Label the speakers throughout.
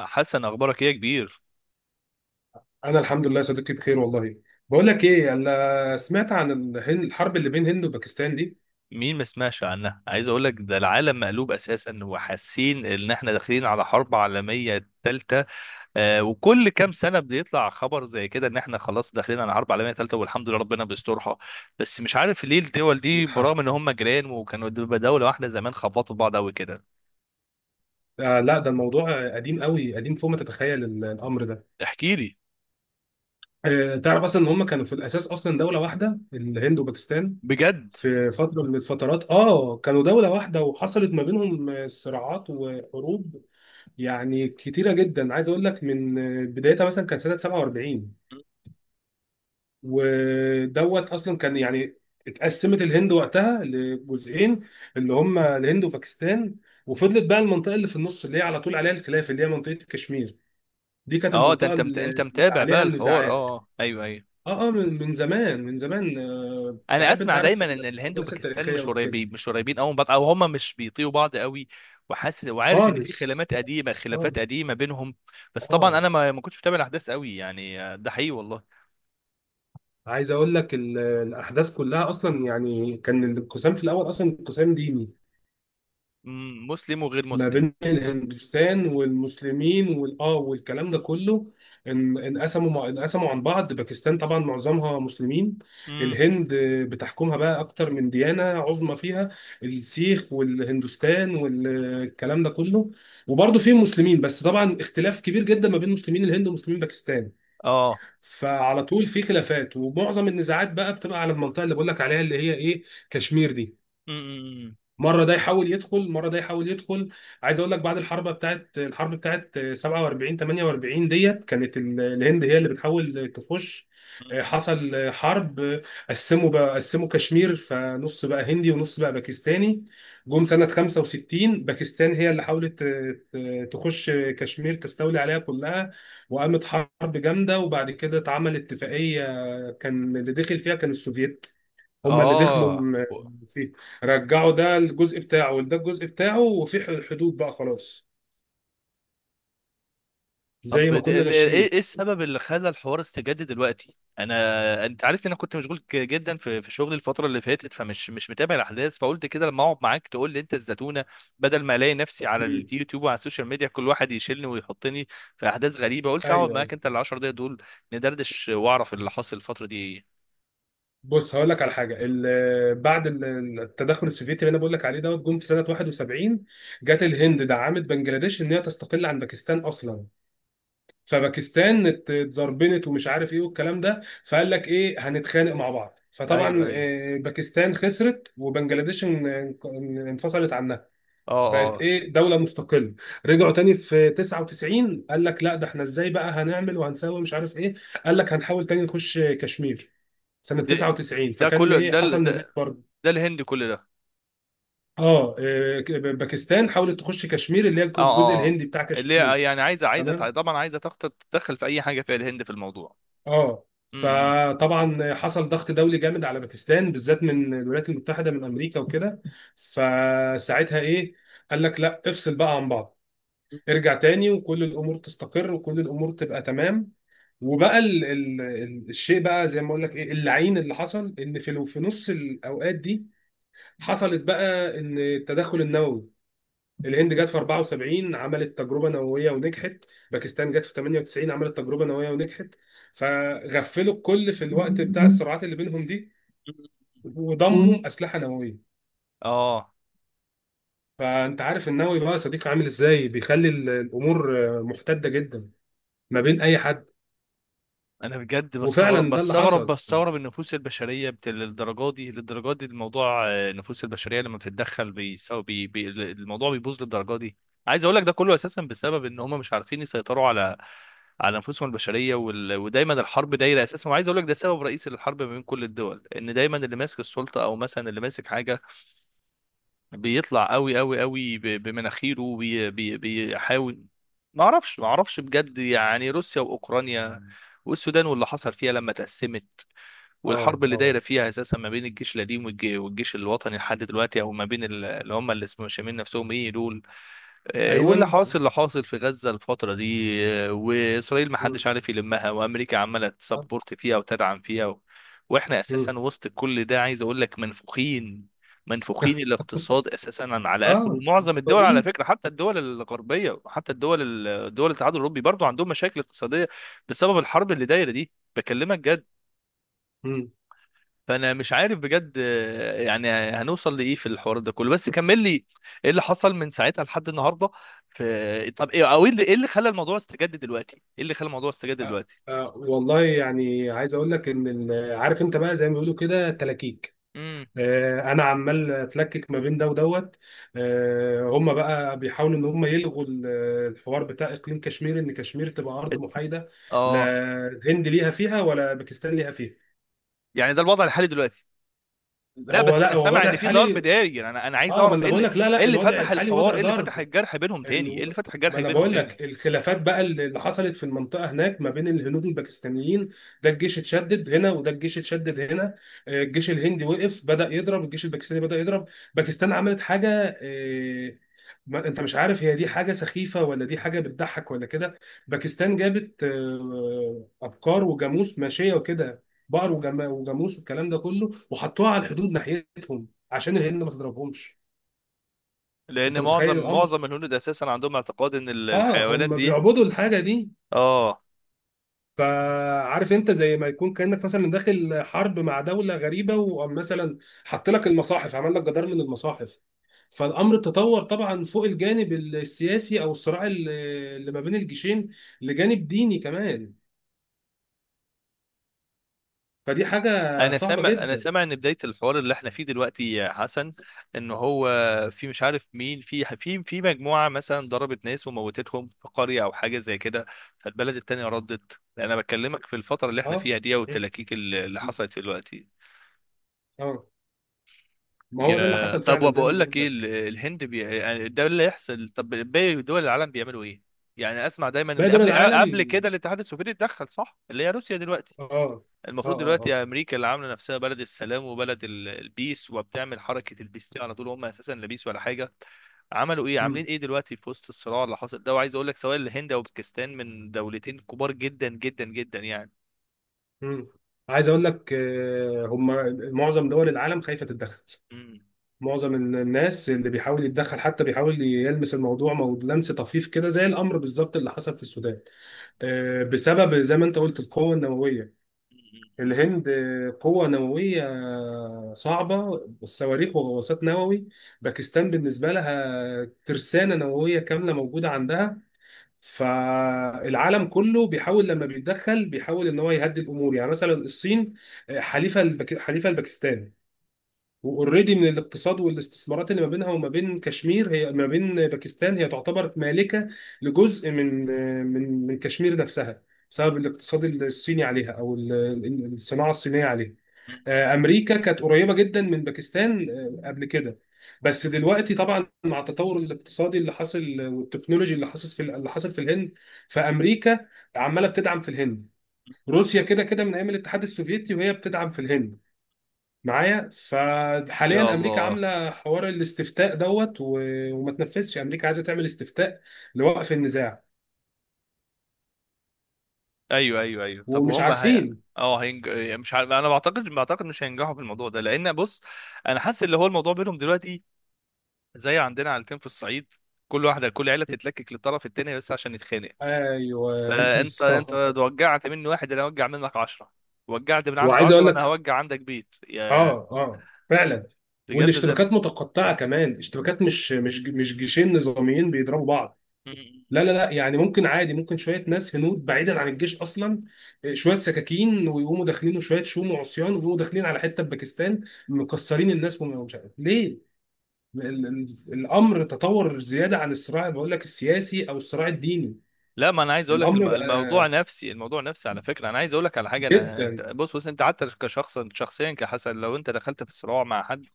Speaker 1: حسن، اخبارك ايه يا كبير؟
Speaker 2: انا الحمد لله يا صديقي، بخير والله. بقول لك ايه، انا سمعت عن الهند، الحرب اللي بين هند وباكستان دي.
Speaker 1: مين ما سمعش عنها؟ عايز اقول لك ده العالم مقلوب اساسا، وحاسين ان احنا داخلين على حرب عالميه ثالثه. وكل كام سنه بيطلع خبر زي كده ان احنا خلاص داخلين على حرب عالميه ثالثه، والحمد لله ربنا بيسترها. بس مش عارف ليه الدول دي برغم
Speaker 2: ها.
Speaker 1: ان هم جيران وكانوا دوله واحده زمان، خبطوا في بعض قوي كده.
Speaker 2: لا، ده الموضوع قديم قوي، قديم فوق ما تتخيل الامر ده.
Speaker 1: احكي لي
Speaker 2: تعرف اصلا ان هم كانوا في الاساس اصلا دولة واحدة، الهند وباكستان.
Speaker 1: بجد.
Speaker 2: في فترة من الفترات كانوا دولة واحدة وحصلت ما بينهم صراعات وحروب يعني كتيرة جدا. عايز اقول لك من بدايتها مثلا كان سنة 47، ودوت اصلا كان يعني اتقسمت الهند وقتها لجزئين، اللي هم الهند وباكستان. وفضلت بقى المنطقه اللي في النص، اللي هي على طول عليها الخلاف، اللي هي منطقه كشمير. دي كانت
Speaker 1: اه، ده
Speaker 2: المنطقه
Speaker 1: انت انت
Speaker 2: اللي
Speaker 1: متابع بقى
Speaker 2: عليها
Speaker 1: الحوار؟ اه
Speaker 2: النزاعات.
Speaker 1: آه. ايوه ايوه.
Speaker 2: اه من زمان، من زمان،
Speaker 1: انا
Speaker 2: بحب، انت
Speaker 1: اسمع
Speaker 2: عارف
Speaker 1: دايما ان الهند
Speaker 2: الاحداث
Speaker 1: وباكستان
Speaker 2: التاريخيه
Speaker 1: مش
Speaker 2: وكده.
Speaker 1: قريبين، مش قريبين قوي من بعض، او هم مش بيطيقوا بعض قوي، وحاسس وعارف ان في
Speaker 2: خالص
Speaker 1: خلافات قديمه،
Speaker 2: خالص
Speaker 1: خلافات
Speaker 2: خالص.
Speaker 1: قديمه بينهم. بس طبعا
Speaker 2: اه
Speaker 1: انا ما كنتش متابع الاحداث قوي، يعني ده حقيقي والله.
Speaker 2: عايز اقول لك الاحداث كلها اصلا، يعني كان الانقسام في الاول اصلا انقسام ديني،
Speaker 1: مم، مسلم وغير
Speaker 2: ما
Speaker 1: مسلم.
Speaker 2: بين الهندوستان والمسلمين والاه والكلام ده كله. ان انقسموا عن بعض. باكستان طبعا معظمها مسلمين.
Speaker 1: امم.
Speaker 2: الهند بتحكمها بقى اكتر من ديانة عظمى فيها، السيخ والهندوستان والكلام ده كله، وبرضه فيهم مسلمين. بس طبعا اختلاف كبير جدا ما بين مسلمين الهند ومسلمين باكستان.
Speaker 1: اه.
Speaker 2: فعلى طول في خلافات، ومعظم النزاعات بقى بتبقى على المنطقة اللي بقول لك عليها، اللي هي ايه، كشمير دي.
Speaker 1: امم.
Speaker 2: مره ده يحاول يدخل، مره ده يحاول يدخل. عايز اقول لك بعد الحرب بتاعت 47 48 ديت، كانت الهند هي اللي بتحاول تخش. حصل حرب. قسموا بقى، قسموا كشمير، فنص بقى هندي ونص بقى باكستاني. جم سنه 65، باكستان هي اللي حاولت تخش كشمير، تستولي عليها كلها. وقامت حرب جامده، وبعد كده اتعمل اتفاقيه، كان اللي دخل فيها كان السوفييت. هما اللي دخلوا
Speaker 1: اه.
Speaker 2: فيه، رجعوا ده الجزء بتاعه وده الجزء بتاعه، وفي حدود بقى، خلاص، زي
Speaker 1: طب
Speaker 2: ما كنا ماشيين.
Speaker 1: ايه السبب اللي خلى الحوار استجد دلوقتي؟ انا انت عارف ان انا كنت مشغول جدا في شغلي الفتره اللي فاتت، فمش مش متابع الاحداث، فقلت كده لما اقعد معاك تقول لي انت الزتونه، بدل ما الاقي نفسي على
Speaker 2: مم.
Speaker 1: اليوتيوب وعلى السوشيال ميديا كل واحد يشيلني ويحطني في احداث غريبه. قلت اقعد
Speaker 2: ايوه، ايوه.
Speaker 1: معاك انت ال 10 دقايق دول، ندردش واعرف اللي حاصل الفتره دي ايه.
Speaker 2: بص، هقول لك على حاجه. بعد التدخل السوفيتي اللي انا بقول لك عليه دوت، جم في سنه 71. جت الهند دعمت بنجلاديش ان هي تستقل عن باكستان اصلا. فباكستان اتزربنت ومش عارف ايه والكلام ده، فقال لك ايه، هنتخانق مع بعض.
Speaker 1: ايوه
Speaker 2: فطبعا
Speaker 1: ايوه.
Speaker 2: باكستان خسرت، وبنجلاديش انفصلت عنها،
Speaker 1: اه
Speaker 2: بقت
Speaker 1: اه.
Speaker 2: ايه، دولة مستقلة. رجعوا تاني في 99، قال لك لا، ده احنا ازاي بقى هنعمل وهنسوي، مش عارف ايه. قال لك هنحاول تاني نخش كشمير سنة
Speaker 1: ده
Speaker 2: 99.
Speaker 1: ده
Speaker 2: فكان
Speaker 1: كله
Speaker 2: ايه،
Speaker 1: ده ال-
Speaker 2: حصل
Speaker 1: ده,
Speaker 2: نزاع برضه.
Speaker 1: ده الهند كل ده.
Speaker 2: اه إيه، باكستان حاولت تخش كشمير، اللي هي
Speaker 1: اه
Speaker 2: الجزء
Speaker 1: اه آه.
Speaker 2: الهندي بتاع
Speaker 1: اللي
Speaker 2: كشمير.
Speaker 1: هي يعني عايزه، عايزه
Speaker 2: تمام.
Speaker 1: طبعا عايزه تدخل في اي حاجه فيها الهند في الموضوع.
Speaker 2: اه.
Speaker 1: امم.
Speaker 2: فطبعا حصل ضغط دولي جامد على باكستان بالذات، من الولايات المتحدة، من امريكا وكده. فساعتها ايه، قال لك لا، افصل بقى عن بعض، ارجع تاني، وكل الامور تستقر وكل الامور تبقى تمام. وبقى الشيء بقى زي ما اقول لك ايه، اللعين اللي حصل، ان في نص الاوقات دي حصلت بقى ان التدخل النووي. الهند جت في 74 عملت تجربه نوويه ونجحت. باكستان جت في 98 عملت تجربه نوويه ونجحت. فغفلوا الكل في الوقت بتاع الصراعات اللي بينهم دي، وضموا اسلحه نوويه.
Speaker 1: اه.
Speaker 2: فانت عارف النووي بقى يا صديقي عامل ازاي، بيخلي الامور محتده جدا ما بين اي حد.
Speaker 1: انا بجد بستغرب،
Speaker 2: وفعلا ده اللي
Speaker 1: بستغرب
Speaker 2: حصل.
Speaker 1: بستغرب النفوس البشريه للدرجه دي، للدرجه دي الموضوع. النفوس البشريه لما بتتدخل الموضوع بيبوظ للدرجه دي. عايز اقول لك ده كله اساسا بسبب ان هم مش عارفين يسيطروا على نفوسهم البشريه، ودايما الحرب دايره اساسا. وعايز اقول لك ده سبب رئيسي للحرب ما بين كل الدول، ان دايما اللي ماسك السلطه او مثلا اللي ماسك حاجه بيطلع قوي، قوي قوي بمناخيره بيحاول. ما اعرفش بجد، يعني روسيا واوكرانيا، والسودان واللي حصل فيها لما تقسمت،
Speaker 2: اه،
Speaker 1: والحرب اللي دايره
Speaker 2: اه،
Speaker 1: فيها اساسا ما بين الجيش القديم والجيش الوطني لحد دلوقتي، او ما بين اللي هم اللي اسمهم شامين نفسهم ايه دول. واللي
Speaker 2: ايوه.
Speaker 1: حاصل، اللي حاصل في غزة الفترة دي، وإسرائيل ما حدش عارف يلمها، وأمريكا عمالة تسبورت فيها وتدعم فيها وإحنا
Speaker 2: مم.
Speaker 1: أساسا وسط كل ده عايز أقول لك منفوخين. منفوخين الاقتصاد أساسا على آخره.
Speaker 2: اه،
Speaker 1: ومعظم الدول على
Speaker 2: فاضيين.
Speaker 1: فكرة، حتى الدول الغربية وحتى الدول، دول الاتحاد الأوروبي برضو عندهم مشاكل اقتصادية بسبب الحرب اللي دايرة دي، بكلمك جد.
Speaker 2: مم.
Speaker 1: فانا مش عارف بجد، يعني هنوصل لايه في الحوار ده كله؟ بس كمل لي، ايه اللي حصل من ساعتها لحد النهارده؟ في إيه؟ طب ايه، او ايه اللي إيه اللي خلى الموضوع استجد دلوقتي؟ ايه اللي خلى الموضوع استجد دلوقتي.
Speaker 2: والله، يعني عايز اقول لك ان عارف انت بقى زي ما بيقولوا كده تلاكيك.
Speaker 1: امم.
Speaker 2: انا عمال اتلكك ما بين ده ودوت. هم بقى بيحاولوا ان هم يلغوا الحوار بتاع اقليم كشمير، ان كشمير تبقى ارض محايده. لا
Speaker 1: اه.
Speaker 2: الهند ليها فيها ولا باكستان ليها فيها.
Speaker 1: يعني ده الوضع الحالي دلوقتي؟ لا
Speaker 2: هو
Speaker 1: بس
Speaker 2: لا،
Speaker 1: انا
Speaker 2: هو
Speaker 1: سامع
Speaker 2: الوضع
Speaker 1: ان في ضرب
Speaker 2: الحالي.
Speaker 1: ناري، يعني انا عايز
Speaker 2: اه، ما
Speaker 1: اعرف
Speaker 2: انا
Speaker 1: ايه
Speaker 2: بقول
Speaker 1: اللي،
Speaker 2: لك، لا
Speaker 1: ايه
Speaker 2: لا،
Speaker 1: اللي
Speaker 2: الوضع
Speaker 1: فتح
Speaker 2: الحالي
Speaker 1: الحوار؟
Speaker 2: وضع
Speaker 1: ايه اللي فتح
Speaker 2: ضار.
Speaker 1: الجرح بينهم تاني؟ ايه
Speaker 2: ال-
Speaker 1: اللي فتح
Speaker 2: ما
Speaker 1: الجرح
Speaker 2: انا
Speaker 1: بينهم
Speaker 2: بقول
Speaker 1: تاني.
Speaker 2: لك الخلافات بقى اللي اللي حصلت في المنطقه هناك ما بين الهنود والباكستانيين. ده الجيش اتشدد هنا، وده الجيش اتشدد هنا. الجيش الهندي وقف بدأ يضرب، الجيش الباكستاني بدأ يضرب. باكستان عملت حاجه. ما انت مش عارف، هي دي حاجه سخيفه، ولا دي حاجه بتضحك، ولا كده. باكستان جابت ابقار وجاموس ماشيه وكده، بقر وجاموس والكلام ده كله، وحطوها على الحدود ناحيتهم عشان الهند ما تضربهمش.
Speaker 1: لان
Speaker 2: انت متخيل
Speaker 1: معظم
Speaker 2: الامر.
Speaker 1: معظم الهنود اساسا عندهم اعتقاد ان
Speaker 2: اه،
Speaker 1: الحيوانات
Speaker 2: هم
Speaker 1: دي.
Speaker 2: بيعبدوا الحاجه دي.
Speaker 1: اه.
Speaker 2: فعارف انت، زي ما يكون كانك مثلا داخل حرب مع دوله غريبه، ومثلا حط لك المصاحف، عمل لك جدار من المصاحف. فالامر تطور طبعا فوق الجانب السياسي، او الصراع اللي اللي ما بين الجيشين، لجانب ديني كمان. فدي حاجه
Speaker 1: انا
Speaker 2: صعبه
Speaker 1: سامع، انا
Speaker 2: جدا.
Speaker 1: سامع ان بدايه الحوار اللي احنا فيه دلوقتي يا حسن، ان هو في مش عارف مين، في في مجموعه مثلا ضربت ناس وموتتهم في قريه او حاجه زي كده، فالبلد التانيه ردت. انا بكلمك في الفتره اللي احنا
Speaker 2: اه.
Speaker 1: فيها دي،
Speaker 2: مم.
Speaker 1: والتلاكيك اللي حصلت دلوقتي.
Speaker 2: اه، ما هو ده اللي
Speaker 1: يا
Speaker 2: حصل
Speaker 1: طب،
Speaker 2: فعلا زي ما
Speaker 1: وبقول لك
Speaker 2: بقول
Speaker 1: ايه،
Speaker 2: لك.
Speaker 1: الهند يعني ده اللي يحصل. طب باقي دول العالم بيعملوا ايه؟ يعني اسمع دايما ان
Speaker 2: باقي دول
Speaker 1: قبل
Speaker 2: العالم.
Speaker 1: قبل كده الاتحاد السوفيتي اتدخل، صح؟ اللي هي روسيا دلوقتي.
Speaker 2: اه، اه،
Speaker 1: المفروض
Speaker 2: اه،
Speaker 1: دلوقتي
Speaker 2: اه.
Speaker 1: امريكا، اللي عامله نفسها بلد السلام وبلد البيس، وبتعمل حركه البيس دي على طول، هم اساسا لا بيس ولا حاجه. عملوا ايه؟
Speaker 2: مم.
Speaker 1: عاملين ايه دلوقتي في وسط الصراع اللي حاصل ده؟ وعايز اقول لك سواء الهند او باكستان من دولتين كبار، جدا جدا جدا يعني.
Speaker 2: مم. عايز اقول لك هم معظم دول العالم خايفه تتدخل.
Speaker 1: مم.
Speaker 2: معظم الناس اللي بيحاول يتدخل حتى بيحاول يلمس الموضوع، لمس طفيف كده، زي الامر بالظبط اللي حصل في السودان. بسبب زي ما انت قلت القوه النوويه.
Speaker 1: مم.
Speaker 2: الهند قوه نوويه صعبه، صواريخ وغواصات نووي. باكستان بالنسبه لها ترسانه نوويه كامله موجوده عندها. فالعالم كله بيحاول لما بيتدخل بيحاول ان هو يهدي الامور. يعني مثلا الصين حليفه لباكستان، واوريدي من الاقتصاد والاستثمارات اللي ما بينها وما بين كشمير، هي ما بين باكستان، هي تعتبر مالكة لجزء من من كشمير نفسها، بسبب الاقتصاد الصيني عليها، او الصناعة الصينية عليها.
Speaker 1: مم.
Speaker 2: امريكا كانت قريبة جدا من باكستان قبل كده. بس دلوقتي طبعا مع التطور الاقتصادي اللي حاصل، والتكنولوجي اللي حاصل، في اللي حاصل في الهند، فامريكا عمالة بتدعم في الهند. روسيا كده كده من ايام الاتحاد السوفيتي وهي بتدعم في الهند. معايا،
Speaker 1: يا
Speaker 2: فحاليا امريكا
Speaker 1: الله.
Speaker 2: عامله حوار الاستفتاء دوت و... وما تنفذش، امريكا عايزه تعمل استفتاء لوقف النزاع
Speaker 1: ايوه ايوه ايوج. طب
Speaker 2: ومش
Speaker 1: وهم
Speaker 2: عارفين.
Speaker 1: اه مش عارف. انا بعتقد مش هينجحوا في الموضوع ده، لان بص، انا حاسس اللي هو الموضوع بينهم دلوقتي زي عندنا عيلتين في الصعيد، كل عيله بتتلكك للطرف التاني بس عشان يتخانق.
Speaker 2: ايوه.
Speaker 1: فانت
Speaker 2: بالظبط.
Speaker 1: وجعت مني واحد، انا اوجع منك عشرة. وجعت من عند
Speaker 2: وعايز اقول
Speaker 1: عشرة، انا
Speaker 2: لك،
Speaker 1: هوجع عندك بيت يا.
Speaker 2: اه، اه فعلا.
Speaker 1: بجد ده.
Speaker 2: والاشتباكات متقطعه كمان، اشتباكات مش جيشين نظاميين بيضربوا بعض.
Speaker 1: مم.
Speaker 2: لا لا لا، يعني ممكن عادي، ممكن شويه ناس هنود بعيدا عن الجيش اصلا، شويه سكاكين ويقوموا داخلين، وشويه شوم وعصيان ويقوموا داخلين على حته في باكستان، مكسرين الناس، ومش عارف ليه. الامر تطور زياده عن الصراع، بقول لك السياسي او الصراع الديني.
Speaker 1: لا ما انا عايز اقول لك
Speaker 2: الامر
Speaker 1: الموضوع
Speaker 2: بقى
Speaker 1: نفسي، الموضوع نفسي على فكره. انا عايز اقول لك على حاجه. انا
Speaker 2: جدا.
Speaker 1: انت بص انت حتى كشخص شخصيا كحسن، لو انت دخلت في صراع مع حد،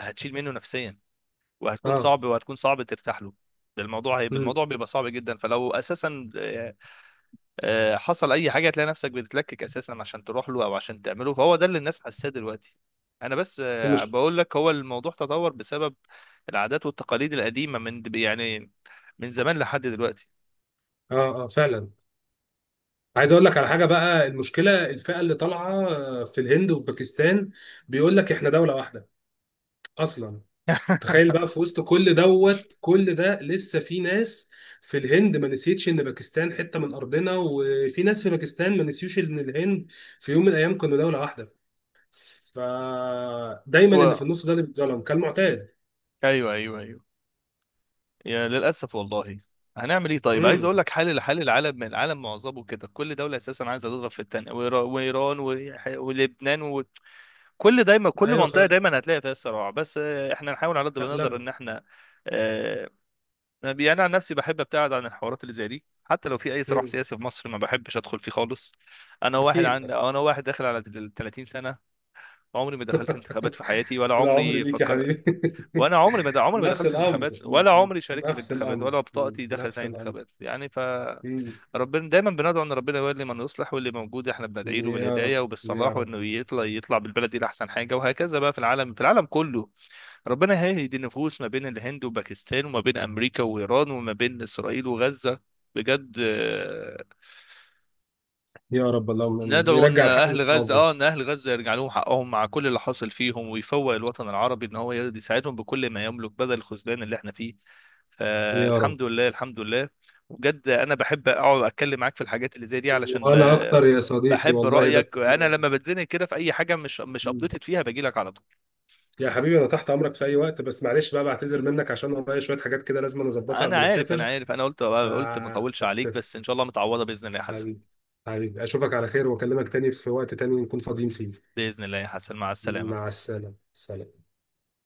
Speaker 1: هتشيل منه نفسيا، وهتكون
Speaker 2: اه.
Speaker 1: صعب وهتكون صعب ترتاح له. ده الموضوع هيبقى،
Speaker 2: امم.
Speaker 1: الموضوع بيبقى صعب جدا. فلو اساسا حصل اي حاجه، هتلاقي نفسك بتتلكك اساسا عشان تروح له او عشان تعمله. فهو ده اللي الناس حاساه دلوقتي. انا بس
Speaker 2: المش...
Speaker 1: بقول لك، هو الموضوع تطور بسبب العادات والتقاليد القديمه، من يعني من زمان لحد دلوقتي.
Speaker 2: اه، اه، فعلا. عايز اقول لك على حاجه بقى، المشكله الفئه اللي طالعه في الهند وفي باكستان بيقول لك احنا دوله واحده اصلا. تخيل بقى، في وسط كل دوت كل ده، لسه في ناس في الهند ما نسيتش ان باكستان حته من ارضنا، وفي ناس في باكستان ما نسيوش ان الهند في يوم من الايام كانوا دوله واحده. فدايما اللي في
Speaker 1: و...
Speaker 2: النص ده اللي بيتظلم كالمعتاد.
Speaker 1: ايوه ايوه ايوه، يا للاسف والله. هنعمل ايه طيب؟ عايز
Speaker 2: امم.
Speaker 1: اقول لك حال لحال العالم. من العالم معظمه كده، كل دوله اساسا عايزه تضرب في التانيه، وايران ولبنان، وكل دايما كل
Speaker 2: ايوه
Speaker 1: منطقه
Speaker 2: فعلا.
Speaker 1: دايما هتلاقي فيها صراع. بس احنا نحاول على قد ما نقدر
Speaker 2: مقلبه.
Speaker 1: ان احنا آه، يعني انا عن نفسي بحب ابتعد عن الحوارات اللي زي دي، حتى لو في اي صراع
Speaker 2: امم.
Speaker 1: سياسي في مصر ما بحبش ادخل فيه خالص.
Speaker 2: اكيد اكيد.
Speaker 1: انا واحد داخل على ال 30 سنه، عمري ما دخلت انتخابات في حياتي ولا
Speaker 2: العمر
Speaker 1: عمري
Speaker 2: ليك يا
Speaker 1: فكر.
Speaker 2: حبيبي.
Speaker 1: وانا عمري ما
Speaker 2: نفس
Speaker 1: دخلت
Speaker 2: الامر،
Speaker 1: انتخابات، ولا عمري شاركت في
Speaker 2: نفس
Speaker 1: انتخابات،
Speaker 2: الامر،
Speaker 1: ولا بطاقتي دخلت
Speaker 2: نفس
Speaker 1: اي
Speaker 2: الامر.
Speaker 1: انتخابات يعني ف.
Speaker 2: مم.
Speaker 1: ربنا دايما بندعو ان ربنا يولي من يصلح، واللي موجود احنا بندعي له
Speaker 2: يا
Speaker 1: بالهدايه
Speaker 2: رب. يا
Speaker 1: وبالصلاح،
Speaker 2: رب.
Speaker 1: وانه يطلع، يطلع بالبلد دي لاحسن حاجه. وهكذا بقى في العالم، في العالم كله. ربنا هيهدي النفوس ما بين الهند وباكستان، وما بين امريكا وايران، وما بين اسرائيل وغزه. بجد آه،.
Speaker 2: يا رب، اللهم امين
Speaker 1: ندعو ان
Speaker 2: ويرجع الحق
Speaker 1: اهل غزه،
Speaker 2: لاصحابه.
Speaker 1: اه ان اهل غزه يرجع لهم حقهم مع كل اللي حاصل فيهم، ويفوق الوطن العربي ان هو يساعدهم بكل ما يملك، بدل الخذلان اللي احنا فيه.
Speaker 2: يا رب.
Speaker 1: فالحمد لله، الحمد لله. وبجد انا بحب اقعد اتكلم معاك في الحاجات اللي زي دي، علشان
Speaker 2: وانا اكتر يا صديقي
Speaker 1: بحب
Speaker 2: والله. بس.
Speaker 1: رايك. انا لما بتزنق كده في اي حاجه مش
Speaker 2: مم.
Speaker 1: ابديتد فيها، باجي لك على طول.
Speaker 2: يا حبيبي، انا تحت امرك في اي وقت، بس معلش بقى، بعتذر منك عشان ورايا شويه حاجات كده لازم أنا اظبطها
Speaker 1: انا
Speaker 2: قبل ما
Speaker 1: عارف، انا
Speaker 2: اسافر.
Speaker 1: عارف. انا قلت ما اطولش
Speaker 2: بس
Speaker 1: عليك، بس ان شاء الله متعوضه باذن الله يا حسن.
Speaker 2: حبيبي، حبيبي، اشوفك على خير واكلمك تاني في وقت تاني نكون فاضيين فيه.
Speaker 1: باذن الله يا حسن، مع
Speaker 2: مع
Speaker 1: السلامه.
Speaker 2: السلامة، سلام.